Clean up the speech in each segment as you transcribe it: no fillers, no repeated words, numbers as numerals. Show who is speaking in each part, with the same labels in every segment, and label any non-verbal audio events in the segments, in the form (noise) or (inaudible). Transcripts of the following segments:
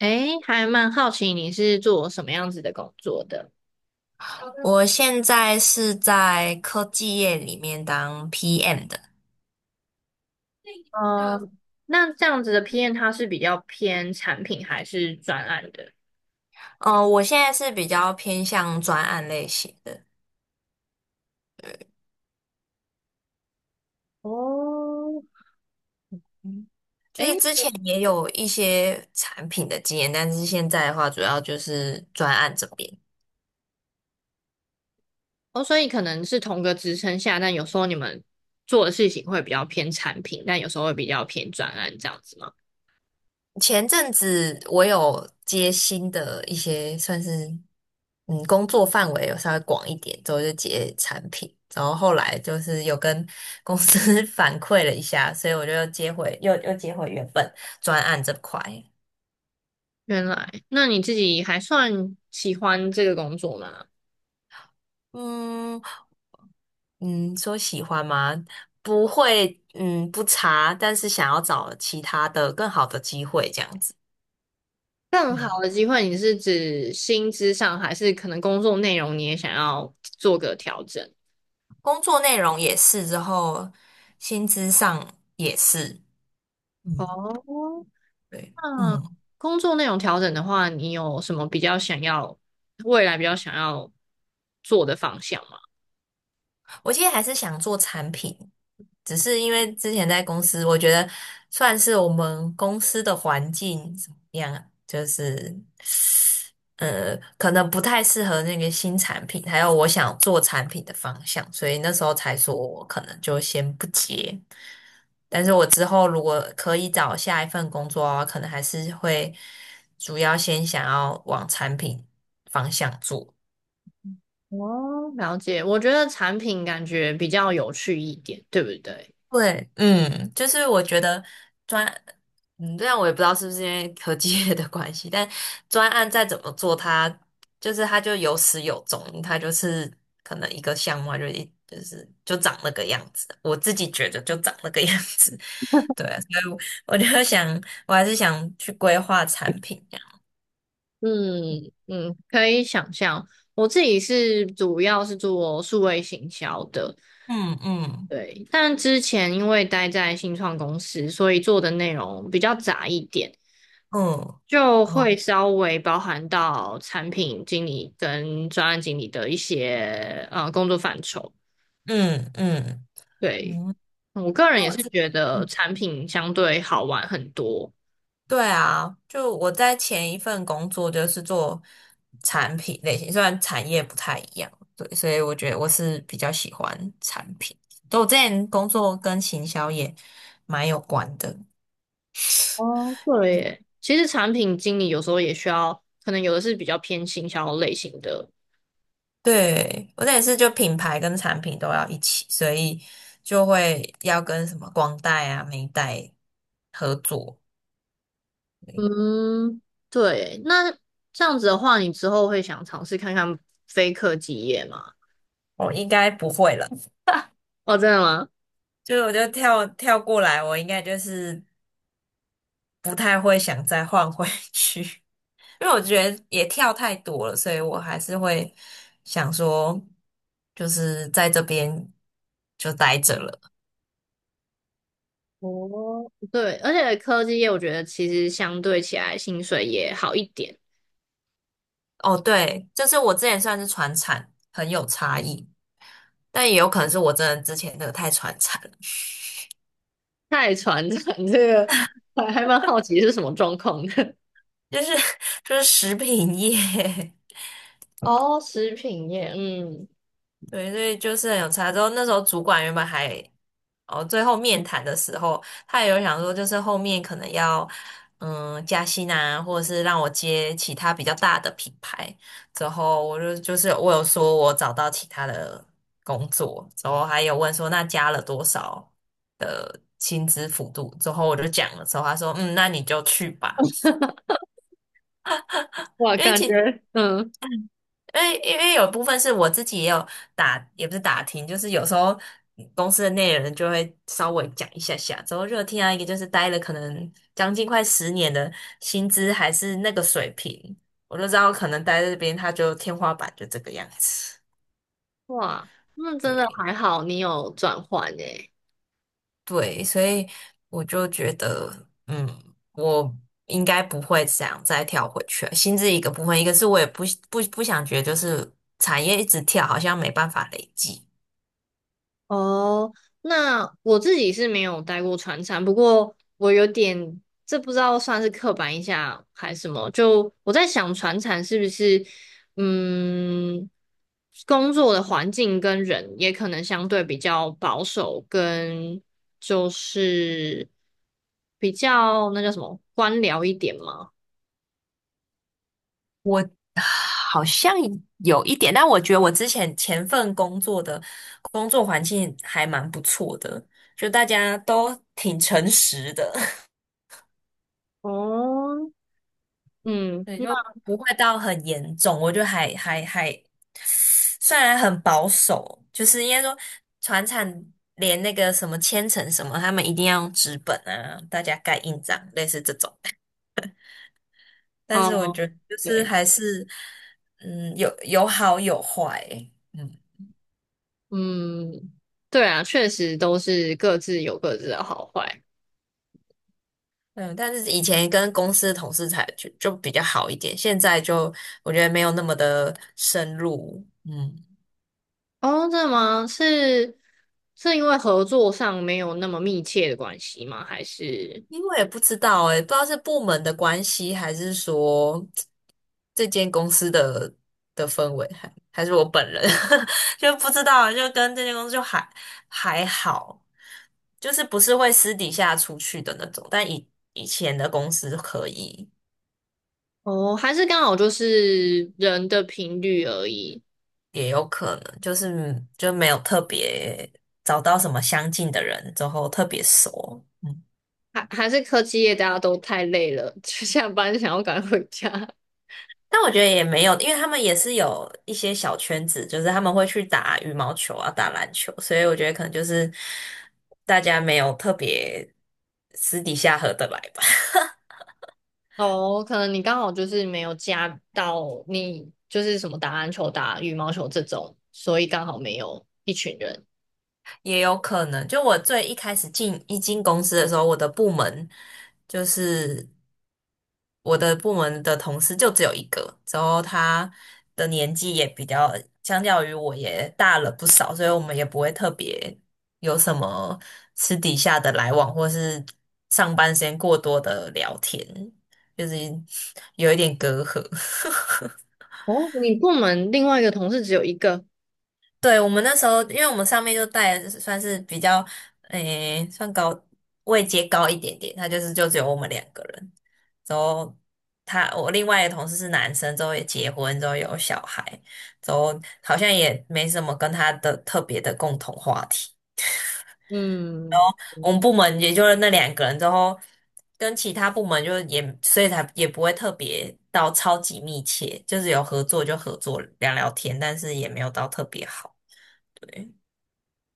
Speaker 1: 诶，还蛮好奇你是做什么样子的工作的？
Speaker 2: 我现在是在科技业里面当 PM 的。
Speaker 1: 嗯，那这样子的 PM 它是比较偏产品还是专案的？
Speaker 2: 我现在是比较偏向专案类型的。
Speaker 1: 哦，
Speaker 2: 嗯就是
Speaker 1: 诶，
Speaker 2: 之前也有一些产品的经验，但是现在的话主要就是专案这边。
Speaker 1: 哦，所以可能是同个职称下，但有时候你们做的事情会比较偏产品，但有时候会比较偏专案这样子吗？
Speaker 2: 前阵子我有接新的一些算是工作范围有稍微广一点，之后就接产品，然后后来就是有跟公司 (laughs) 反馈了一下，所以我就又接回又接回原本专案这块。
Speaker 1: 原来，那你自己还算喜欢这个工作吗？
Speaker 2: 嗯嗯，说喜欢吗？不会，嗯，不差，但是想要找其他的更好的机会这样子。
Speaker 1: 更好
Speaker 2: 嗯，
Speaker 1: 的机会，你是指薪资上，还是可能工作内容你也想要做个调整？
Speaker 2: 工作内容也是，之后薪资上也是。嗯，
Speaker 1: 哦，
Speaker 2: 对，
Speaker 1: 那
Speaker 2: 嗯，
Speaker 1: 工作内容调整的话，你有什么比较想要，未来比较想要做的方向吗？
Speaker 2: 我其实还是想做产品，只是因为之前在公司，我觉得算是我们公司的环境怎么样，就是可能不太适合那个新产品，还有我想做产品的方向，所以那时候才说我可能就先不接。但是我之后如果可以找下一份工作啊，可能还是会主要先想要往产品方向做。
Speaker 1: 哦，了解。我觉得产品感觉比较有趣一点，对不对？
Speaker 2: 对，嗯，就是我觉得专，嗯，这样我也不知道是不是因为科技业的关系，但专案再怎么做它，就是它就有始有终，它就是可能一个项目它就一就是就长那个样子，我自己觉得就长那个样子。(laughs) 对啊，所以我就想，我还是想去规划产品这样。
Speaker 1: 嗯嗯，可以想象。我自己是主要是做数位行销的，
Speaker 2: 嗯嗯
Speaker 1: 对。但之前因为待在新创公司，所以做的内容比较杂一点。
Speaker 2: 嗯，
Speaker 1: 就
Speaker 2: 哦，
Speaker 1: 会稍微包含到产品经理跟专案经理的一些工作范畴。
Speaker 2: 嗯嗯
Speaker 1: 对，
Speaker 2: 嗯，
Speaker 1: 我个人
Speaker 2: 因为
Speaker 1: 也
Speaker 2: 我
Speaker 1: 是
Speaker 2: 自。嗯
Speaker 1: 觉得产品相对好玩很多。
Speaker 2: 对啊，就我在前一份工作就是做产品类型，虽然产业不太一样，对，所以我觉得我是比较喜欢产品。就我之前工作跟行销也蛮有关的。
Speaker 1: 哦，对耶，其实产品经理有时候也需要，可能有的是比较偏行销类型的。
Speaker 2: 对，我那也是就品牌跟产品都要一起，所以就会要跟什么光带啊、美带合作。对
Speaker 1: 嗯，对。那这样子的话，你之后会想尝试看看非科技业吗？
Speaker 2: 我应该不会了。
Speaker 1: 哦，真的吗？
Speaker 2: (laughs) 就是我就跳过来，我应该就是不太会想再换回去。因为我觉得也跳太多了，所以我还是会想说，就是在这边就待着了。
Speaker 1: 哦，对，而且科技业我觉得其实相对起来薪水也好一点。
Speaker 2: 哦，对，就是我之前算是传产，很有差异，但也有可能是我真的之前那个太传产了，
Speaker 1: 太传产这个还蛮好奇是什么状况的。
Speaker 2: 就是 (laughs) 就是食品业。
Speaker 1: (laughs) 哦，食品业，嗯，
Speaker 2: 对，所以就是很有差。之后那时候主管原本还，哦，最后面谈的时候，他也有想说，就是后面可能要，嗯，加薪啊，或者是让我接其他比较大的品牌。之后我就就是我有说我找到其他的工作，之后还有问说那加了多少的薪资幅度。之后我就讲了之后，他说，嗯，那你就去吧。
Speaker 1: 哇，
Speaker 2: 因为
Speaker 1: 感
Speaker 2: 其
Speaker 1: 觉，嗯，
Speaker 2: 因为有部分是我自己也有打，也不是打听，就是有时候公司的内人就会稍微讲一下下，之后热听啊，一个就是待了可能将近快十年的薪资还是那个水平，我就知道可能待在这边他就天花板就这个样子。
Speaker 1: 哇，那真的
Speaker 2: 对
Speaker 1: 还好，你有转换诶。
Speaker 2: 对，所以我就觉得，嗯，我应该不会想再跳回去了。薪资一个部分，一个是我也不想觉得就是产业一直跳，好像没办法累积。
Speaker 1: 哦，那我自己是没有待过船厂，不过我有点，这不知道算是刻板印象还是什么，就我在想船厂是不是，嗯，工作的环境跟人也可能相对比较保守，跟就是比较那叫什么官僚一点嘛。
Speaker 2: 我好像有一点，但我觉得我之前前份工作的工作环境还蛮不错的，就大家都挺诚实的。
Speaker 1: 哦，
Speaker 2: (laughs)
Speaker 1: 嗯，
Speaker 2: 对，
Speaker 1: 那
Speaker 2: 就不会到很严重。我就还，虽然很保守，就是应该说船产连那个什么签呈什么，他们一定要用纸本啊，大家盖印章，类似这种。但是我
Speaker 1: 哦，
Speaker 2: 觉得就是
Speaker 1: 对，
Speaker 2: 还是，嗯，有有好有坏欸，嗯。
Speaker 1: 嗯，对啊，确实都是各自有各自的好坏。
Speaker 2: 嗯，但是以前跟公司同事才就比较好一点，现在就我觉得没有那么的深入。嗯，
Speaker 1: 哦，真的吗？是是因为合作上没有那么密切的关系吗？还是
Speaker 2: 因为我也不知道诶、不知道是部门的关系，还是说这间公司的氛围，还是我本人 (laughs) 就不知道，就跟这间公司就还好，就是不是会私底下出去的那种，但以前的公司可以。
Speaker 1: 哦，还是刚好就是人的频率而已？
Speaker 2: 也有可能，就是就没有特别找到什么相近的人之后特别熟。嗯，
Speaker 1: 还是科技业大家都太累了，(laughs) 就下班想要赶快回家。
Speaker 2: 但我觉得也没有，因为他们也是有一些小圈子，就是他们会去打羽毛球啊、打篮球，所以我觉得可能就是大家没有特别私底下合得来吧。
Speaker 1: 哦，可能你刚好就是没有加到你就是什么打篮球、打羽毛球这种，所以刚好没有一群人。
Speaker 2: 也有可能，就我最一开始进公司的时候，我的部门就是我的部门的同事就只有一个，之后他的年纪也比较，相较于我也大了不少，所以我们也不会特别有什么私底下的来往，或是上班时间过多的聊天，就是有一点隔阂。(laughs)
Speaker 1: 哦，你部门另外一个同事只有一个，
Speaker 2: 对，我们那时候，因为我们上面就带的算是比较，诶，算位阶高一点点，他就是就只有我们两个人。之后他我另外一个同事是男生，之后也结婚，之后有小孩，之后好像也没什么跟他的特别的共同话题。
Speaker 1: 嗯。
Speaker 2: 我们部门也就是那两个人，之后跟其他部门就也所以才也不会特别到超级密切，就是有合作就合作聊聊天，但是也没有到特别好。对。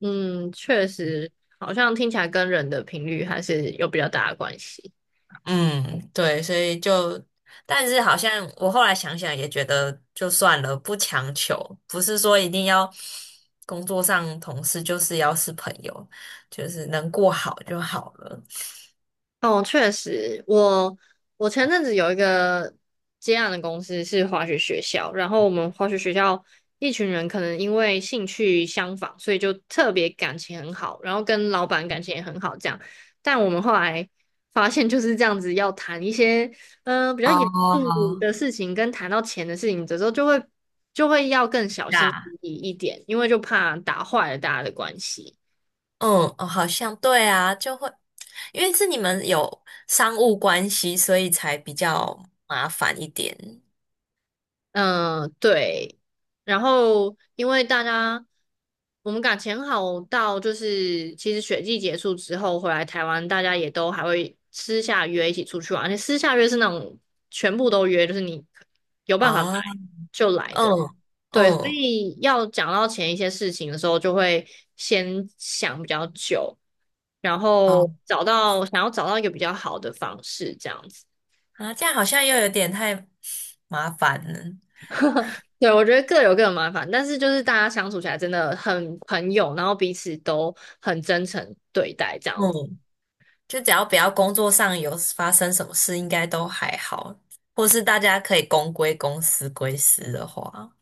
Speaker 1: 嗯，确实，好像听起来跟人的频率还是有比较大的关系。
Speaker 2: 嗯，对，所以就，但是好像我后来想想也觉得就算了，不强求，不是说一定要工作上同事就是要是朋友，就是能过好就好了。
Speaker 1: 哦，确实，我前阵子有一个接案的公司是滑雪学校，然后我们滑雪学校一群人可能因为兴趣相仿，所以就特别感情很好，然后跟老板感情也很好这样。但我们后来发现就是这样子，要谈一些比较严
Speaker 2: 哦，
Speaker 1: 肃的事情，跟谈到钱的事情的时候，就会要更小心
Speaker 2: 啊，
Speaker 1: 翼翼一点，因为就怕打坏了大家的关系。
Speaker 2: 嗯，哦，好像对啊，就会，因为是你们有商务关系，所以才比较麻烦一点
Speaker 1: 嗯，对。然后因为大家我们感情好到，就是其实雪季结束之后回来台湾，大家也都还会私下约一起出去玩，而且私下约是那种全部都约，就是你有办法来
Speaker 2: 啊。
Speaker 1: 就来的。
Speaker 2: 嗯
Speaker 1: 对，所
Speaker 2: 嗯，
Speaker 1: 以要讲到前一些事情的时候，就会先想比较久，然
Speaker 2: 哦，
Speaker 1: 后找到想要找到一个比较好的方式，这样子。
Speaker 2: 啊，这样好像又有点太麻烦了。
Speaker 1: 对，我觉得各有各的麻烦，但是就是大家相处起来真的很朋友，然后彼此都很真诚对待这样子。
Speaker 2: 嗯就只要不要工作上有发生什么事，应该都还好。或是大家可以公归公，私归私的话，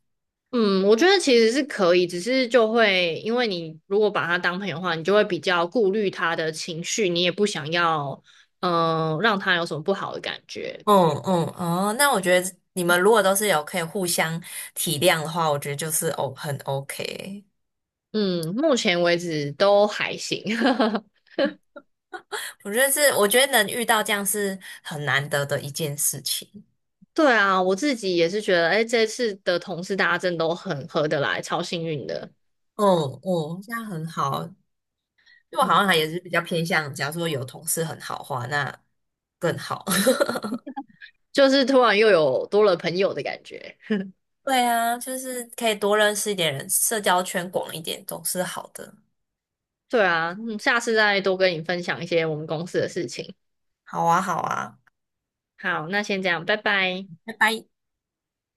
Speaker 1: 嗯，我觉得其实是可以，只是就会因为你如果把他当朋友的话，你就会比较顾虑他的情绪，你也不想要让他有什么不好的感觉。
Speaker 2: 嗯嗯哦，那我觉得你们如果都是有可以互相体谅的话，我觉得就是哦很 OK。
Speaker 1: 嗯，目前为止都还行。(laughs)
Speaker 2: 我觉得是，我觉得能遇到这样是很难得的一件事情。
Speaker 1: 对啊，我自己也是觉得，哎，这次的同事大家真的都很合得来，超幸运的，
Speaker 2: 嗯嗯，这样很好。因为我好像还
Speaker 1: 嗯
Speaker 2: 也是比较偏向，假如说有同事很好的话，那更好。(laughs)
Speaker 1: 就是突然又有多了朋友的感觉。
Speaker 2: 对啊，就是可以多认识一点人，社交圈广一点总是好的。
Speaker 1: 对啊，嗯，下次再多跟你分享一些我们公司的事情。
Speaker 2: 好啊，好啊，
Speaker 1: 好，那先这样，拜拜。
Speaker 2: 拜拜。